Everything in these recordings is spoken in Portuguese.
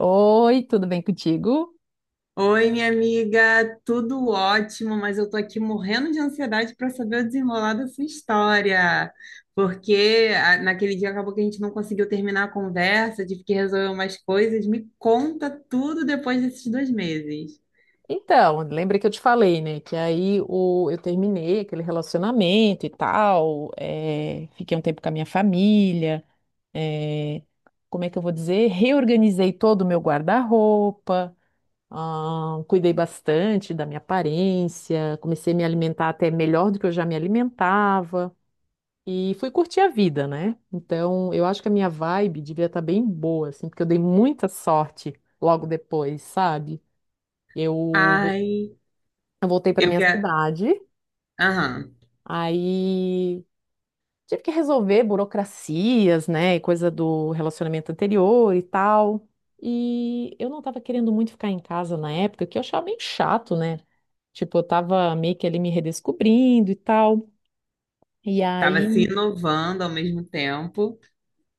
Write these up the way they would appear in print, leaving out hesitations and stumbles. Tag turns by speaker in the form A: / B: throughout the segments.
A: Oi, tudo bem contigo?
B: Oi, minha amiga, tudo ótimo, mas eu tô aqui morrendo de ansiedade para saber o desenrolar da sua história, porque naquele dia acabou que a gente não conseguiu terminar a conversa, tive que resolver umas coisas. Me conta tudo depois desses 2 meses.
A: Então, lembra que eu te falei, né? Que eu terminei aquele relacionamento e tal, fiquei um tempo com a minha família, é, como é que eu vou dizer? Reorganizei todo o meu guarda-roupa, ah, cuidei bastante da minha aparência, comecei a me alimentar até melhor do que eu já me alimentava e fui curtir a vida, né? Então, eu acho que a minha vibe devia estar bem boa, assim, porque eu dei muita sorte logo depois, sabe? Eu,
B: Ai,
A: eu voltei para
B: eu
A: minha
B: quero.
A: cidade,
B: Aham,
A: aí tive que resolver burocracias, né, e coisa do relacionamento anterior e tal. E eu não estava querendo muito ficar em casa na época, que eu achava meio chato, né? Tipo, eu tava meio que ali me redescobrindo e tal. E
B: tava se
A: aí,
B: inovando ao mesmo tempo.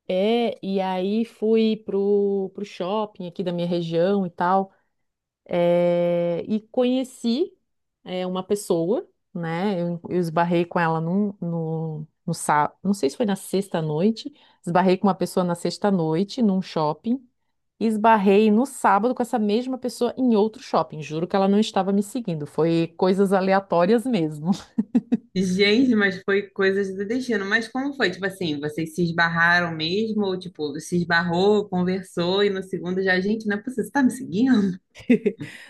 A: e aí fui pro shopping aqui da minha região e tal. E conheci uma pessoa, né? Eu esbarrei com ela no sábado, não sei se foi na sexta noite, esbarrei com uma pessoa na sexta noite num shopping e esbarrei no sábado com essa mesma pessoa em outro shopping. Juro que ela não estava me seguindo, foi coisas aleatórias mesmo.
B: Gente, mas foi coisas do destino. Mas como foi? Tipo assim, vocês se esbarraram mesmo? Ou tipo, se esbarrou, conversou e no segundo já, gente, não é possível, você tá me seguindo?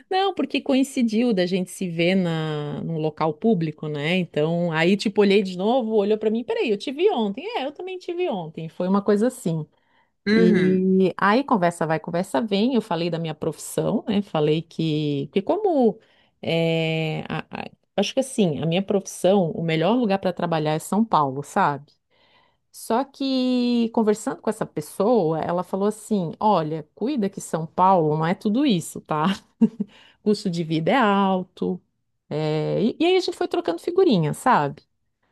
A: Não, porque coincidiu da gente se ver num local público, né? Então, aí, tipo, olhei de novo, olhou pra mim, peraí, eu te vi ontem. É, eu também te vi ontem. Foi uma coisa assim.
B: Uhum,
A: E aí conversa vai, conversa vem. Eu falei da minha profissão, né? Falei que como é, a- a- acho que assim, a minha profissão, o melhor lugar para trabalhar é São Paulo, sabe? Só que conversando com essa pessoa, ela falou assim: olha, cuida que São Paulo não é tudo isso, tá? Custo de vida é alto. E aí a gente foi trocando figurinha, sabe?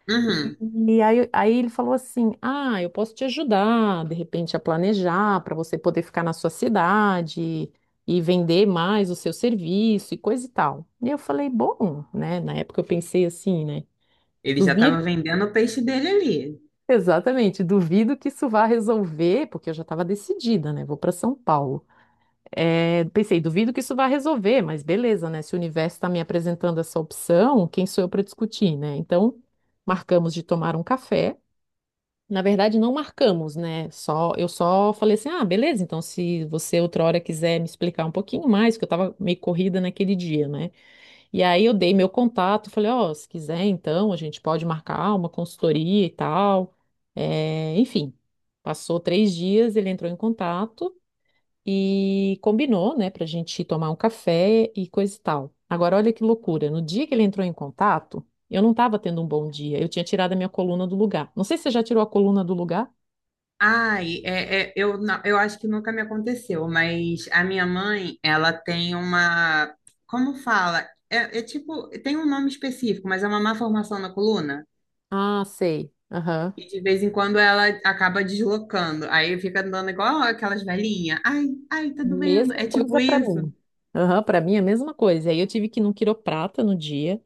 B: uhum.
A: E aí, ele falou assim: ah, eu posso te ajudar, de repente, a planejar para você poder ficar na sua cidade e vender mais o seu serviço e coisa e tal. E eu falei: bom, né? Na época eu pensei assim, né?
B: Ele já
A: Duvido,
B: estava vendendo o peixe dele ali.
A: exatamente, duvido que isso vá resolver, porque eu já estava decidida, né? Vou para São Paulo. É, pensei: duvido que isso vá resolver, mas beleza, né? Se o universo está me apresentando essa opção, quem sou eu para discutir, né? Então, marcamos de tomar um café. Na verdade, não marcamos, né? Só, eu só falei assim: ah, beleza, então se você outra hora quiser me explicar um pouquinho mais, porque eu tava meio corrida naquele dia, né? E aí eu dei meu contato, falei: ó, se quiser, então a gente pode marcar uma consultoria e tal. É, enfim, passou 3 dias, ele entrou em contato e combinou, né, pra gente tomar um café e coisa e tal. Agora, olha que loucura: no dia que ele entrou em contato, eu não tava tendo um bom dia, eu tinha tirado a minha coluna do lugar. Não sei se você já tirou a coluna do lugar.
B: Ai, é, é, eu acho que nunca me aconteceu, mas a minha mãe, ela tem uma. Como fala? É, é tipo, tem um nome específico, mas é uma má formação na coluna.
A: Ah, sei. Aham.
B: E de vez em quando ela acaba deslocando. Aí fica andando igual aquelas velhinhas. Ai, ai, tá doendo.
A: Mesma
B: É tipo
A: coisa para
B: isso.
A: mim. Aham, para mim é a mesma coisa. E aí eu tive que ir num quiroprata no dia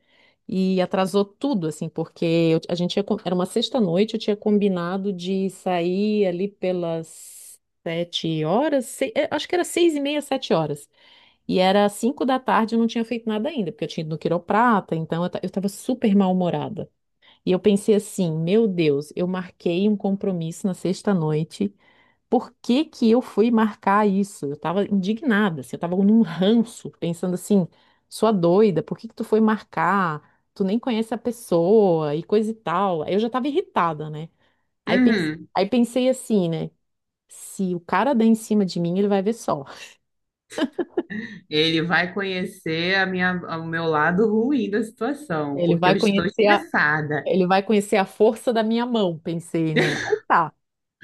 A: e atrasou tudo, assim, porque a gente tinha, era uma sexta-noite, eu tinha combinado de sair ali pelas 7 horas, acho que era 6:30, 7 horas. E era 5 da tarde, eu não tinha feito nada ainda, porque eu tinha ido no quiroprata, então eu estava super mal-humorada. E eu pensei assim, meu Deus, eu marquei um compromisso na sexta-noite. Por que que eu fui marcar isso? Eu tava indignada, assim, eu tava num ranço, pensando assim, sua doida, por que que tu foi marcar? Tu nem conhece a pessoa e coisa e tal. Aí eu já tava irritada, né?
B: Uhum.
A: Aí pensei assim, né? Se o cara der em cima de mim, ele vai ver só.
B: Ele vai conhecer a minha, o meu lado ruim da situação,
A: Ele
B: porque
A: vai
B: eu estou
A: conhecer
B: estressada.
A: Ele vai conhecer a força da minha mão, pensei, né? Aí tá.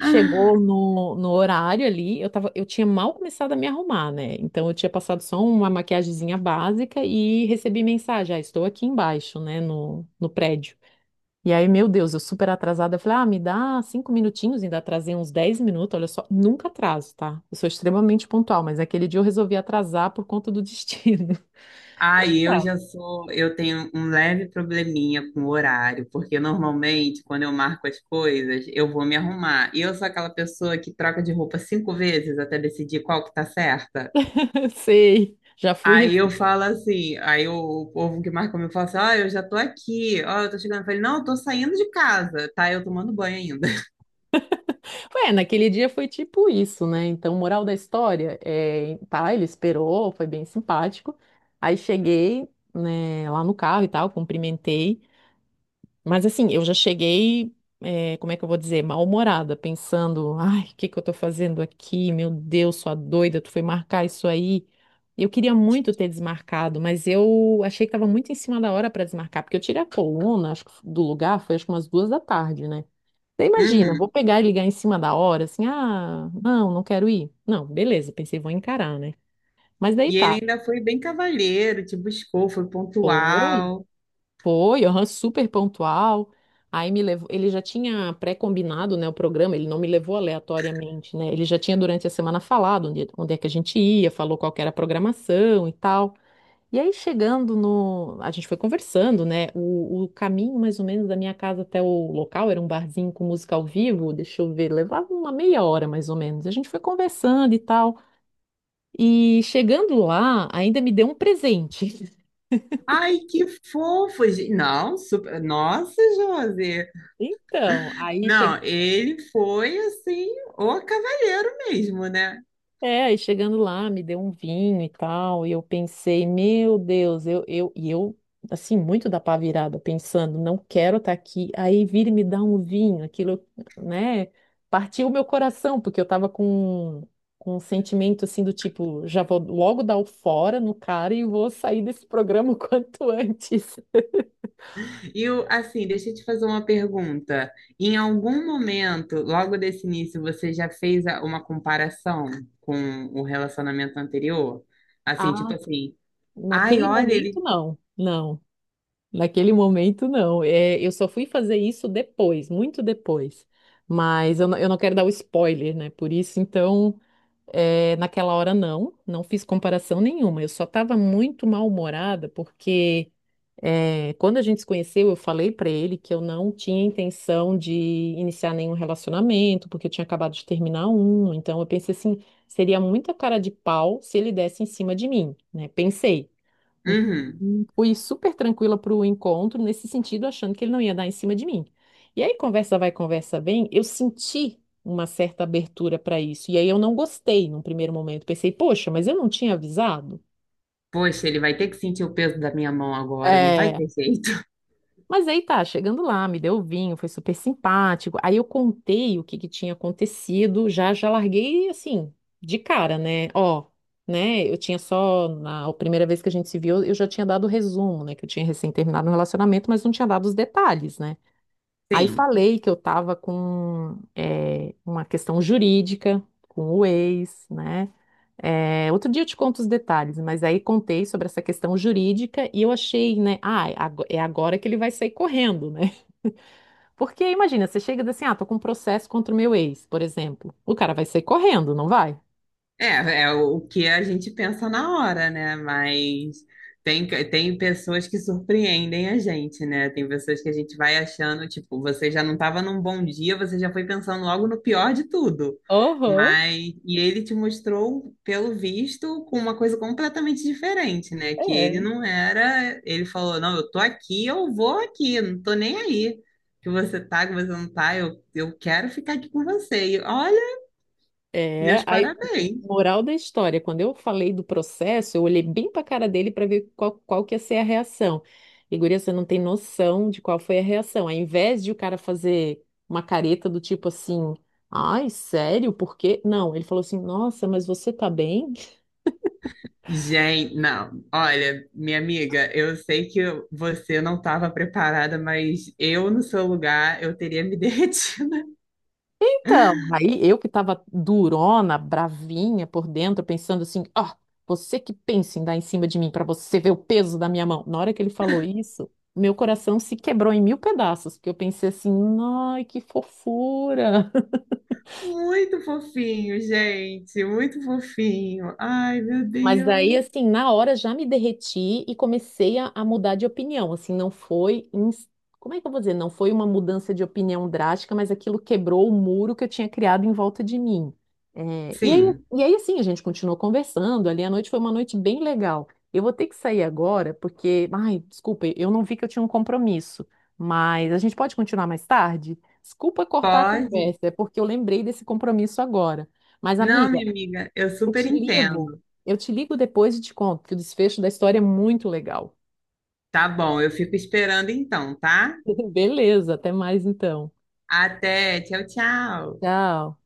B: Ah,
A: no horário ali, eu tava, eu tinha mal começado a me arrumar, né? Então eu tinha passado só uma maquiagemzinha básica e recebi mensagem: ah, estou aqui embaixo, né, no prédio. E aí, meu Deus, eu super atrasada, eu falei: ah, me dá 5 minutinhos. Ainda atrasei uns 10 minutos, olha só, nunca atraso, tá? Eu sou extremamente pontual, mas aquele dia eu resolvi atrasar por conta do destino.
B: ai, eu já sou, eu tenho um leve probleminha com o horário, porque normalmente quando eu marco as coisas, eu vou me arrumar. E eu sou aquela pessoa que troca de roupa 5 vezes até decidir qual que tá certa.
A: Sei, já fui.
B: Aí eu falo assim, o povo que marca comigo fala assim: ó, eu já tô aqui, ó, eu tô chegando. Eu falei: não, eu tô saindo de casa, tá? Eu tomando banho ainda.
A: É, naquele dia foi tipo isso, né? Então, moral da história, tá, ele esperou, foi bem simpático. Aí cheguei, né, lá no carro e tal, cumprimentei. Mas assim, eu já cheguei, como é que eu vou dizer, mal-humorada, pensando: ai, o que que eu tô fazendo aqui? Meu Deus, sua doida, tu foi marcar isso aí. Eu queria muito ter desmarcado, mas eu achei que tava muito em cima da hora para desmarcar, porque eu tirei a coluna, acho que do lugar, foi acho que umas 2 da tarde, né? Você imagina, vou
B: Uhum.
A: pegar e ligar em cima da hora, assim: ah, não, não quero ir. Não, beleza, pensei, vou encarar, né? Mas daí
B: E ele
A: tá,
B: ainda foi bem cavalheiro, te buscou, foi
A: foi,
B: pontual.
A: foi, aham, super pontual. Aí me levou, ele já tinha pré-combinado, né, o programa. Ele não me levou aleatoriamente, né? Ele já tinha durante a semana falado onde é que a gente ia, falou qual que era a programação e tal. E aí, chegando no. A gente foi conversando, né? O caminho, mais ou menos, da minha casa até o local era um barzinho com música ao vivo. Deixa eu ver, levava uma meia hora, mais ou menos. A gente foi conversando e tal. E chegando lá, ainda me deu um presente.
B: Ai, que fofo! Não, super. Nossa, José!
A: Então, aí
B: Não,
A: chegou
B: ele foi assim, o cavalheiro mesmo, né?
A: É, aí chegando lá, me deu um vinho e tal, e eu pensei, meu Deus, assim, muito da pá virada, pensando: não quero estar aqui, aí vir e me dar um vinho, aquilo, né, partiu o meu coração, porque eu tava com um sentimento, assim, do tipo: já vou logo dar o fora no cara e vou sair desse programa o quanto antes.
B: E assim, deixa eu te fazer uma pergunta. Em algum momento, logo desse início, você já fez uma comparação com o relacionamento anterior? Assim, tipo
A: Ah,
B: assim, ai,
A: naquele
B: olha,
A: momento,
B: ele.
A: não, não. Naquele momento, não. É, eu só fui fazer isso depois, muito depois. Mas eu não quero dar o spoiler, né? Por isso, então, naquela hora, não. Não fiz comparação nenhuma. Eu só estava muito mal-humorada, porque quando a gente se conheceu, eu falei para ele que eu não tinha intenção de iniciar nenhum relacionamento, porque eu tinha acabado de terminar um. Então, eu pensei assim: seria muita cara de pau se ele desse em cima de mim, né? Pensei. Então,
B: Uhum.
A: fui super tranquila para o encontro, nesse sentido, achando que ele não ia dar em cima de mim. E aí, conversa vai, conversa vem, eu senti uma certa abertura para isso. E aí, eu não gostei num primeiro momento. Pensei: poxa, mas eu não tinha avisado?
B: Poxa, ele vai ter que sentir o peso da minha mão agora, não vai
A: É.
B: ter jeito.
A: Mas aí tá, chegando lá, me deu o vinho, foi super simpático. Aí eu contei o que que tinha acontecido, já já larguei assim, de cara, né? Ó, né? Eu tinha só na a primeira vez que a gente se viu, eu já tinha dado o resumo, né, que eu tinha recém terminado um relacionamento, mas não tinha dado os detalhes, né? Aí
B: Sim.
A: falei que eu tava com uma questão jurídica com o ex, né? É, outro dia eu te conto os detalhes, mas aí contei sobre essa questão jurídica e eu achei, né? Ah, é agora que ele vai sair correndo, né? Porque imagina, você chega e diz assim: ah, tô com um processo contra o meu ex, por exemplo. O cara vai sair correndo, não vai?
B: É, é o que a gente pensa na hora, né? Mas tem, tem pessoas que surpreendem a gente, né? Tem pessoas que a gente vai achando, tipo, você já não estava num bom dia, você já foi pensando logo no pior de tudo.
A: Uhum.
B: Mas, e ele te mostrou, pelo visto, com uma coisa completamente diferente, né? Que ele
A: É.
B: não era, ele falou, não, eu tô aqui, eu vou aqui, eu não tô nem aí. Que você tá, que você não tá, eu quero ficar aqui com você. E olha,
A: É,
B: meus
A: aí,
B: parabéns.
A: moral da história, quando eu falei do processo, eu olhei bem pra cara dele para ver qual que ia ser a reação. E, guria, você não tem noção de qual foi a reação. Ao invés de o cara fazer uma careta do tipo assim: ai, sério, por quê? Não, ele falou assim: nossa, mas você tá bem?
B: Gente, não, olha, minha amiga, eu sei que você não estava preparada, mas eu no seu lugar, eu teria me derretido.
A: Então, aí eu que estava durona, bravinha por dentro, pensando assim: ó, você que pensa em dar em cima de mim, para você ver o peso da minha mão. Na hora que ele falou isso, meu coração se quebrou em mil pedaços, porque eu pensei assim: ai, que fofura.
B: Muito fofinho, gente, muito fofinho. Ai, meu
A: Mas
B: Deus.
A: daí, assim, na hora já me derreti e comecei a mudar de opinião. Assim, não foi. Como é que eu vou dizer? Não foi uma mudança de opinião drástica, mas aquilo quebrou o muro que eu tinha criado em volta de mim. É, e aí,
B: Sim,
A: assim, a gente continuou conversando ali. A noite foi uma noite bem legal. Eu vou ter que sair agora, porque. Ai, desculpa, eu não vi que eu tinha um compromisso. Mas a gente pode continuar mais tarde? Desculpa cortar a
B: pode?
A: conversa, é porque eu lembrei desse compromisso agora. Mas,
B: Não,
A: amiga.
B: minha amiga, eu
A: Eu
B: super
A: te ligo.
B: entendo.
A: Eu te ligo depois e te conto, que o desfecho da história é muito legal.
B: Tá bom, eu fico esperando então, tá?
A: Beleza, até mais então.
B: Até, tchau, tchau.
A: Tchau.